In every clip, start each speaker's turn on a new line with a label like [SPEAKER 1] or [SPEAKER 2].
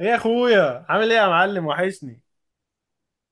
[SPEAKER 1] ايه يا اخويا، عامل ايه يا معلم، وحشني.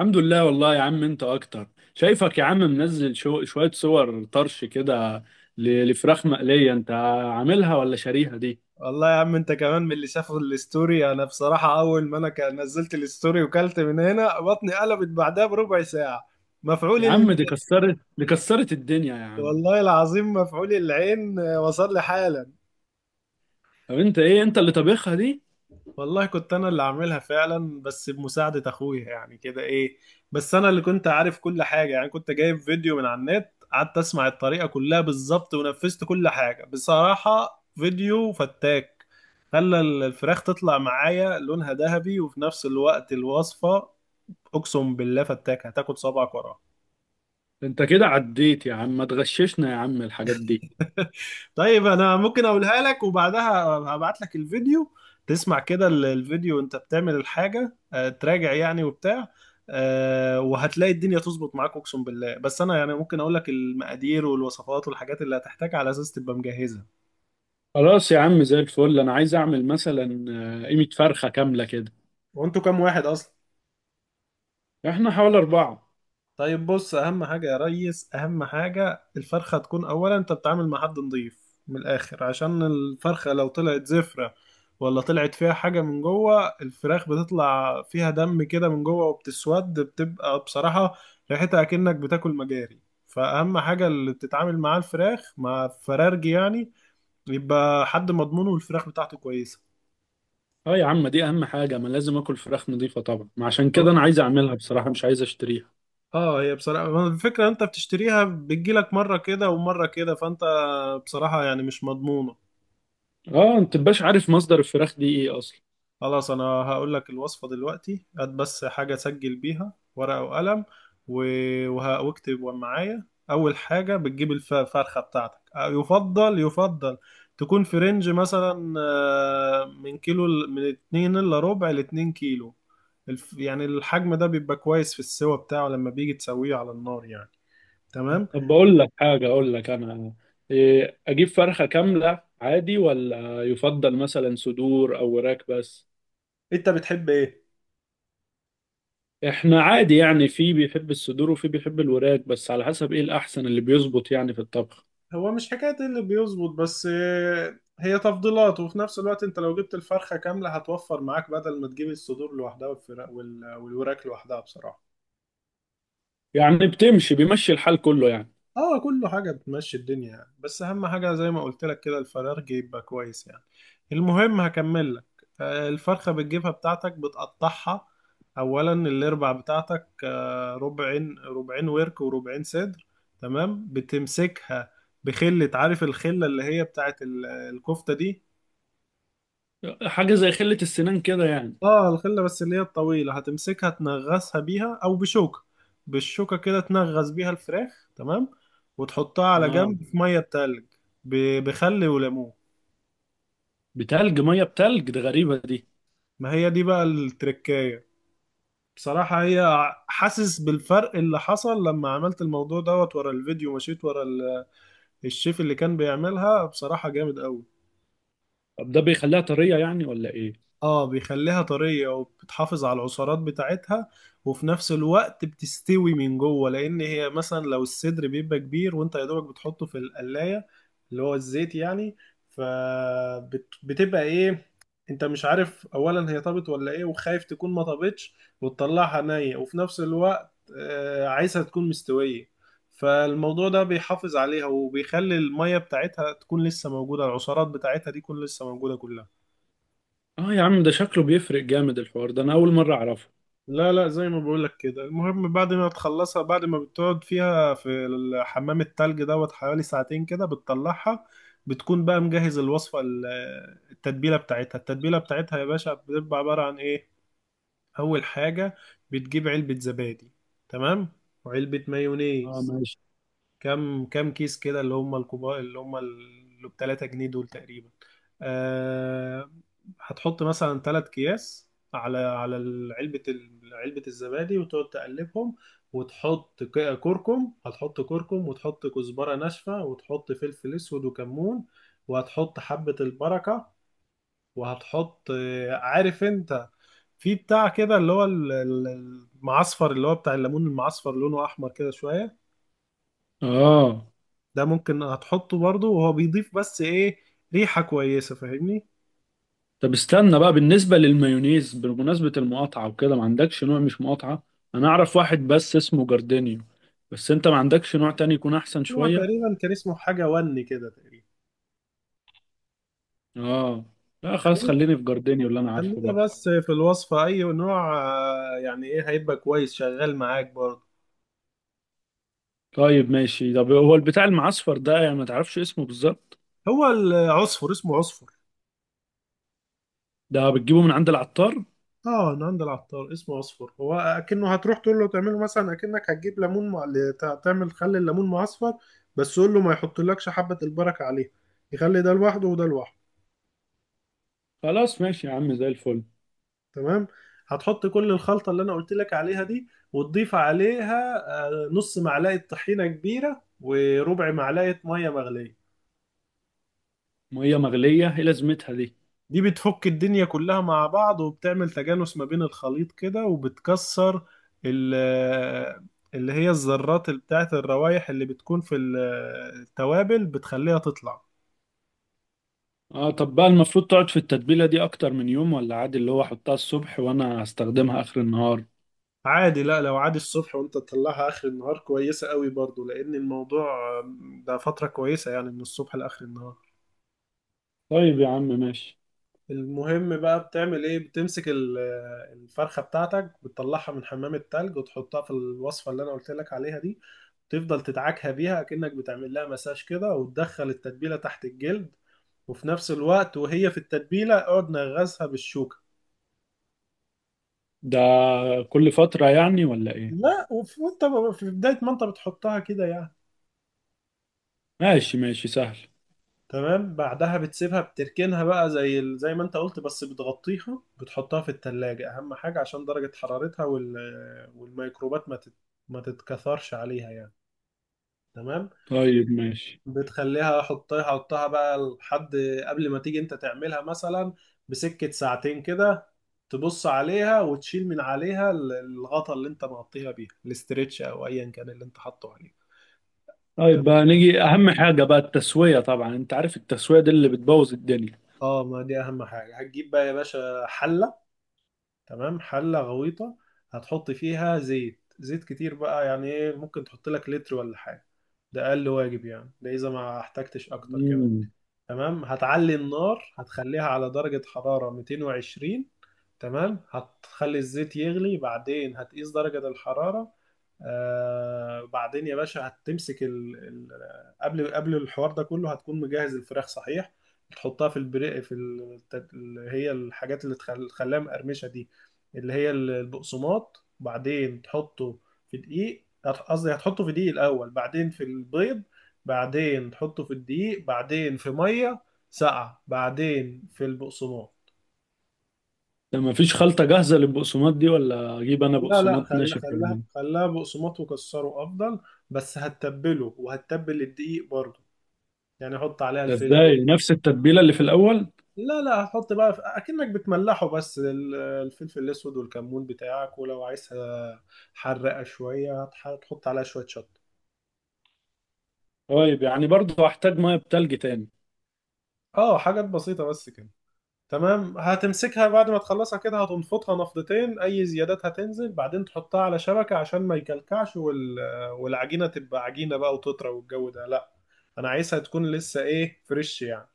[SPEAKER 2] الحمد لله، والله يا عم انت اكتر. شايفك يا عم منزل شوية صور طرش كده لفراخ مقلية. انت عاملها ولا شاريها دي؟
[SPEAKER 1] والله يا عم، انت كمان من اللي شافوا الستوري. انا بصراحة اول ما نزلت الستوري وكلت من هنا بطني قلبت بعدها بربع ساعة. مفعول
[SPEAKER 2] يا عم
[SPEAKER 1] ال...
[SPEAKER 2] دي كسرت الدنيا يا عم.
[SPEAKER 1] والله العظيم مفعول العين، وصل لي حالة.
[SPEAKER 2] طب انت ايه، انت اللي طبخها دي؟
[SPEAKER 1] والله كنت انا اللي عاملها فعلا، بس بمساعدة اخويا يعني كده ايه. بس انا اللي كنت عارف كل حاجة، يعني كنت جايب فيديو من على النت، قعدت اسمع الطريقة كلها بالظبط ونفذت كل حاجة. بصراحة فيديو فتاك، خلى الفراخ تطلع معايا لونها ذهبي وفي نفس الوقت الوصفة. اقسم بالله فتاك، هتاكل صبعك وراها.
[SPEAKER 2] انت كده عديت يا عم، ما تغششنا يا عم الحاجات دي.
[SPEAKER 1] طيب انا ممكن اقولها لك وبعدها هبعت لك الفيديو، تسمع كده الفيديو وانت بتعمل الحاجة، تراجع يعني وبتاع. وهتلاقي الدنيا تظبط معاك اقسم بالله. بس انا يعني ممكن اقول لك المقادير والوصفات والحاجات اللي هتحتاجها على اساس تبقى مجهزة.
[SPEAKER 2] خلاص يا عم زي الفل، انا عايز اعمل مثلا قيمة فرخة كاملة كده.
[SPEAKER 1] وانتوا كام واحد اصلا؟
[SPEAKER 2] احنا حوالي اربعة.
[SPEAKER 1] طيب بص، اهم حاجه يا ريس، اهم حاجه الفرخه تكون. اولا انت بتتعامل مع حد نظيف من الاخر، عشان الفرخه لو طلعت زفره ولا طلعت فيها حاجه من جوه، الفراخ بتطلع فيها دم كده من جوه وبتسود، بتبقى بصراحه ريحتها اكنك بتاكل مجاري. فاهم؟ حاجه اللي بتتعامل معاه الفراخ، مع فرارجي يعني، يبقى حد مضمونه والفراخ بتاعته كويسه.
[SPEAKER 2] اه يا عم، دي اهم حاجة، ما لازم اكل فراخ نظيفة طبعا، ما عشان كده انا عايز اعملها بصراحة، مش عايز اشتريها.
[SPEAKER 1] اه، هي بصراحه ما الفكره انت بتشتريها بتجيلك مره كده ومره كده، فانت بصراحه يعني مش مضمون.
[SPEAKER 2] اه انت مبقاش عارف مصدر الفراخ دي ايه اصلا.
[SPEAKER 1] خلاص انا هقول لك الوصفة دلوقتي، هات بس حاجة سجل بيها، ورقة وقلم. واكتب معايا. اول حاجة بتجيب الفرخة بتاعتك، يفضل يفضل تكون في رينج مثلا من كيلو، من اتنين الا ربع لاتنين كيلو. يعني الحجم ده بيبقى كويس في السوا بتاعه لما بيجي تسويه على النار يعني.
[SPEAKER 2] طب
[SPEAKER 1] تمام.
[SPEAKER 2] بقول لك حاجه، اقول لك انا، إيه، اجيب فرخه كامله عادي ولا يفضل مثلا صدور او وراك بس؟
[SPEAKER 1] انت بتحب ايه؟
[SPEAKER 2] احنا عادي يعني، في بيحب الصدور وفي بيحب الوراك، بس على حسب ايه الاحسن اللي بيظبط يعني في الطبخ.
[SPEAKER 1] هو مش حكاية إيه اللي بيظبط بس، هي تفضيلات. وفي نفس الوقت انت لو جبت الفرخة كاملة هتوفر معاك، بدل ما تجيب الصدور لوحدها والفراخ والوراك لوحدها بصراحة.
[SPEAKER 2] يعني بتمشي، بيمشي الحال كله يعني.
[SPEAKER 1] اه كله حاجة بتمشي الدنيا يعني، بس اهم حاجة زي ما قلت لك كده الفراخ يبقى كويس يعني. المهم هكمل لك. الفرخة بتجيبها بتاعتك بتقطعها اولا، الاربع بتاعتك ربعين ربعين، ورك وربعين صدر. تمام. بتمسكها بخلة، عارف الخلة اللي هي بتاعت الكفتة دي؟
[SPEAKER 2] حاجه زي خله السنان كده يعني؟
[SPEAKER 1] اه، الخلة بس اللي هي الطويلة، هتمسكها تنغصها بيها او بشوكة. بالشوكة كده تنغص بيها الفراخ. تمام. وتحطها على
[SPEAKER 2] اه
[SPEAKER 1] جنب في مية تلج بخل وليمون.
[SPEAKER 2] ميه بتلج، ده غريبه دي.
[SPEAKER 1] ما هي دي بقى التركاية. بصراحة هي حاسس بالفرق اللي حصل لما عملت الموضوع دوت. ورا الفيديو، مشيت ورا الشيف اللي كان بيعملها، بصراحة جامد قوي.
[SPEAKER 2] طب ده بيخليها طريه يعني ولا ايه؟
[SPEAKER 1] اه بيخليها طرية وبتحافظ على العصارات بتاعتها، وفي نفس الوقت بتستوي من جوه. لان هي مثلا لو الصدر بيبقى كبير وانت يا دوبك بتحطه في القلاية، اللي هو الزيت يعني، فبتبقى ايه، انت مش عارف اولا هي طابت ولا ايه، وخايف تكون ما طابتش وتطلعها نية. وفي نفس الوقت عايزها تكون مستوية. فالموضوع ده بيحافظ عليها، وبيخلي المية بتاعتها تكون لسه موجودة، العصارات بتاعتها دي تكون لسه موجودة كلها.
[SPEAKER 2] اه يا عم ده شكله بيفرق جامد، الحوار ده انا اول مره اعرفه.
[SPEAKER 1] لا لا، زي ما بقولك كده. المهم بعد ما تخلصها، بعد ما بتقعد فيها في الحمام، التلج دوت حوالي ساعتين كده بتطلعها. بتكون بقى مجهز الوصفة، التتبيلة بتاعتها. التتبيلة بتاعتها يا باشا بتبقى عبارة عن ايه؟ أول حاجة بتجيب علبة زبادي. تمام. وعلبة
[SPEAKER 2] اه،
[SPEAKER 1] مايونيز.
[SPEAKER 2] ماشي.
[SPEAKER 1] كام كيس كده؟ اللي هم الكبار اللي هم اللي ب 3 جنيه دول تقريبا. أه. هتحط مثلا 3 اكياس على علبة علبة الزبادي، وتقعد تقلبهم. وتحط كركم هتحط كركم، وتحط كزبرة ناشفة، وتحط فلفل اسود وكمون، وهتحط حبة البركة. وهتحط عارف انت في بتاع كده اللي هو المعصفر اللي هو بتاع الليمون المعصفر، لونه احمر كده شوية.
[SPEAKER 2] اه
[SPEAKER 1] ده ممكن هتحطه برضه، وهو بيضيف بس ايه؟ ريحة كويسة. فاهمني؟
[SPEAKER 2] طب استنى بقى، بالنسبة للمايونيز، بمناسبة المقاطعة وكده، ما عندكش نوع؟ مش مقاطعة، انا اعرف واحد بس اسمه جاردينيو، بس انت ما عندكش نوع تاني يكون احسن
[SPEAKER 1] نوع
[SPEAKER 2] شوية؟
[SPEAKER 1] تقريبا كان اسمه حاجة وني كده تقريبا.
[SPEAKER 2] اه. لا خلاص، خليني في جاردينيو اللي انا عارفه
[SPEAKER 1] خلينا
[SPEAKER 2] بقى.
[SPEAKER 1] بس في الوصفة، أي نوع يعني إيه هيبقى كويس شغال معاك برضه.
[SPEAKER 2] طيب ماشي، طب هو البتاع المعصفر ده يعني ما تعرفش اسمه بالظبط؟
[SPEAKER 1] هو العصفر اسمه عصفر.
[SPEAKER 2] ده بتجيبه من عند العطار؟
[SPEAKER 1] اه، أنا عند العطار اسمه عصفر. هو أكنه هتروح تقول له تعمله، مثلا أكنك هتجيب ليمون تعمل خل الليمون معصفر. بس قول له ما يحطلكش حبة البركة عليه، يخلي ده لوحده وده لوحده.
[SPEAKER 2] خلاص ماشي يا عم زي الفل.
[SPEAKER 1] تمام. هتحط كل الخلطة اللي أنا قلت لك عليها دي وتضيف عليها نص معلقة طحينة كبيرة وربع معلقة مية مغلية.
[SPEAKER 2] مية مغلية، ايه لازمتها دي؟
[SPEAKER 1] دي بتفك الدنيا كلها مع بعض، وبتعمل تجانس ما بين الخليط كده، وبتكسر ال- آه، اللي هي الذرات بتاعت الروايح اللي بتكون في التوابل بتخليها تطلع.
[SPEAKER 2] اه طب بقى المفروض تقعد في التتبيلة دي اكتر من يوم، ولا عادي اللي هو احطها الصبح وانا هستخدمها اخر النهار؟
[SPEAKER 1] عادي. لا، لو عادي الصبح وانت تطلعها اخر النهار كويسة قوي برضو. لان الموضوع آه، ده فترة كويسة يعني، من الصبح لاخر النهار.
[SPEAKER 2] طيب يا عم ماشي.
[SPEAKER 1] المهم بقى بتعمل ايه، بتمسك الفرخة بتاعتك بتطلعها من حمام التلج، وتحطها في الوصفة اللي انا قلت لك عليها دي. تفضل تدعكها بيها كأنك بتعمل لها مساج كده، وتدخل التتبيلة تحت الجلد. وفي نفس الوقت وهي في التتبيلة، اقعد نغزها بالشوكة.
[SPEAKER 2] ده كل فترة يعني ولا ايه؟
[SPEAKER 1] لا، في بداية ما انت بتحطها كده يعني.
[SPEAKER 2] ماشي ماشي، سهل.
[SPEAKER 1] تمام. بعدها بتسيبها، بتركنها بقى زي زي ما انت قلت. بس بتغطيها، بتحطها في التلاجة اهم حاجة، عشان درجة حرارتها والميكروبات ما تتكثرش عليها يعني. تمام.
[SPEAKER 2] طيب ماشي.
[SPEAKER 1] بتخليها، حطها حطها بقى لحد قبل ما تيجي انت تعملها مثلا بسكة ساعتين كده، تبص عليها، وتشيل من عليها الغطا اللي انت مغطيها بيها الاسترتش، او ايا كان اللي انت حاطه عليه.
[SPEAKER 2] طيب
[SPEAKER 1] تمام.
[SPEAKER 2] بقى نيجي اهم حاجة بقى، التسوية، طبعا انت عارف التسوية دي اللي بتبوظ الدنيا.
[SPEAKER 1] اه، ما دي اهم حاجة. هتجيب بقى يا باشا حلة. تمام، حلة غويطة. هتحط فيها زيت، زيت كتير بقى، يعني ايه ممكن تحط لك لتر ولا حاجة. ده أقل واجب يعني، ده إذا ما احتجتش أكتر كمان.
[SPEAKER 2] امم.
[SPEAKER 1] تمام. هتعلي النار، هتخليها على درجة حرارة 220. تمام. هتخلي الزيت يغلي، بعدين هتقيس درجة الحرارة. آه، بعدين يا باشا هتمسك قبل الحوار ده كله هتكون مجهز الفراخ صحيح. تحطها في البري، في اللي هي الحاجات اللي خلاها مقرمشه دي، اللي هي البقسماط بعدين تحطه في دقيق، قصدي هتحطه في دقيق الاول، بعدين في البيض، بعدين تحطه في الدقيق، بعدين في ميه ساقعه، بعدين في البقسماط.
[SPEAKER 2] ده مفيش خلطة جاهزة للبقسماط دي ولا اجيب انا
[SPEAKER 1] لا لا،
[SPEAKER 2] بقسماط
[SPEAKER 1] خلى
[SPEAKER 2] ناشف
[SPEAKER 1] خلى
[SPEAKER 2] يعني؟
[SPEAKER 1] خلاها بقسماط وكسره افضل. بس هتتبله، وهتتبل الدقيق برضه. يعني حط عليها
[SPEAKER 2] ده
[SPEAKER 1] الفلفل.
[SPEAKER 2] ازاي، نفس التتبيلة اللي في الاول؟
[SPEAKER 1] لا لا، هتحط بقى في اكنك بتملحه بس، الفلفل الاسود والكمون بتاعك. ولو عايزها حرقه شويه هتحط عليها شويه شطه.
[SPEAKER 2] طيب يعني برضه هحتاج مية بتلج تاني؟
[SPEAKER 1] اه حاجات بسيطه بس كده. تمام. هتمسكها بعد ما تخلصها كده، هتنفطها نفضتين، اي زيادات هتنزل. بعدين تحطها على شبكة عشان ما يكلكعش، والعجينة تبقى عجينة بقى وتطرى والجو ده. لا، انا عايزها تكون لسه ايه، فريش يعني.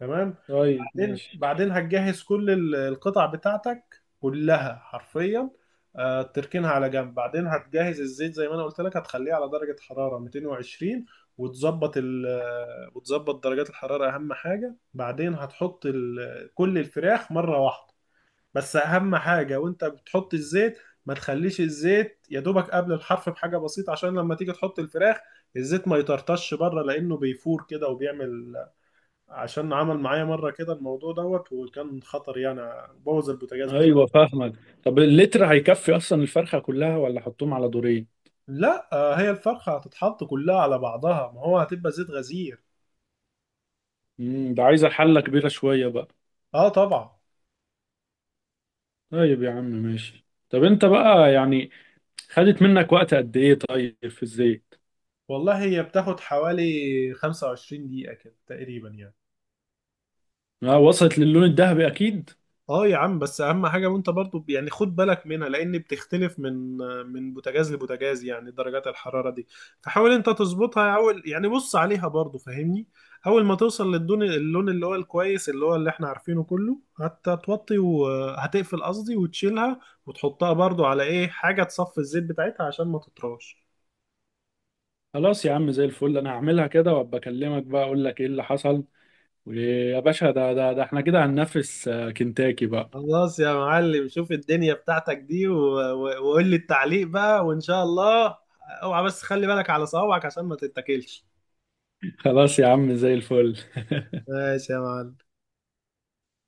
[SPEAKER 1] تمام.
[SPEAKER 2] طيب
[SPEAKER 1] بعدين
[SPEAKER 2] ماشي.
[SPEAKER 1] هتجهز كل القطع بتاعتك كلها حرفيا. تركنها على جنب. بعدين هتجهز الزيت زي ما انا قلت لك، هتخليه على درجة حرارة 220، وتظبط ال آه، وتظبط درجات الحرارة أهم حاجة. بعدين هتحط كل الفراخ مرة واحدة. بس أهم حاجة وأنت بتحط الزيت، ما تخليش الزيت يا دوبك قبل الحرف بحاجة بسيطة، عشان لما تيجي تحط الفراخ الزيت ما يطرطش بره، لأنه بيفور كده وبيعمل. عشان عمل معايا مرة كده الموضوع دوت، وكان خطر يعني، بوظ البوتاجاز بصراحة.
[SPEAKER 2] ايوه، فاهمك. طب اللتر هيكفي اصلا الفرخة كلها ولا احطهم على دورين؟
[SPEAKER 1] لا، هي الفرخة هتتحط كلها على بعضها، ما هو هتبقى زيت غزير.
[SPEAKER 2] ده عايزة حلة كبيرة شوية بقى.
[SPEAKER 1] اه طبعا.
[SPEAKER 2] طيب يا عم ماشي، طب انت بقى يعني خدت منك وقت قد ايه طيب في الزيت؟
[SPEAKER 1] والله هي بتاخد حوالي 25 دقيقة كده تقريبا يعني.
[SPEAKER 2] ما وصلت للون الذهبي اكيد.
[SPEAKER 1] اه يا عم، بس اهم حاجه وانت برضو يعني خد بالك منها، لان بتختلف من بوتاجاز لبوتاجاز يعني، درجات الحراره دي. فحاول انت تظبطها اول، يعني بص عليها برضو، فاهمني؟ اول ما توصل للدون اللون اللي هو الكويس اللي هو اللي احنا عارفينه كله، هتوطي وهتقفل قصدي، وتشيلها، وتحطها برضو على ايه حاجه تصفي الزيت بتاعتها عشان ما تطراش.
[SPEAKER 2] خلاص يا عم زي الفل، انا هعملها كده وابقى اكلمك بقى اقول لك ايه اللي حصل. ويا باشا، ده احنا كده هننافس كنتاكي بقى.
[SPEAKER 1] خلاص يا معلم، شوف الدنيا بتاعتك دي وقول لي التعليق بقى، وان شاء الله. اوعى بس خلي بالك على صوابعك عشان ما تتاكلش.
[SPEAKER 2] خلاص يا عم زي الفل.
[SPEAKER 1] ماشي يا معلم.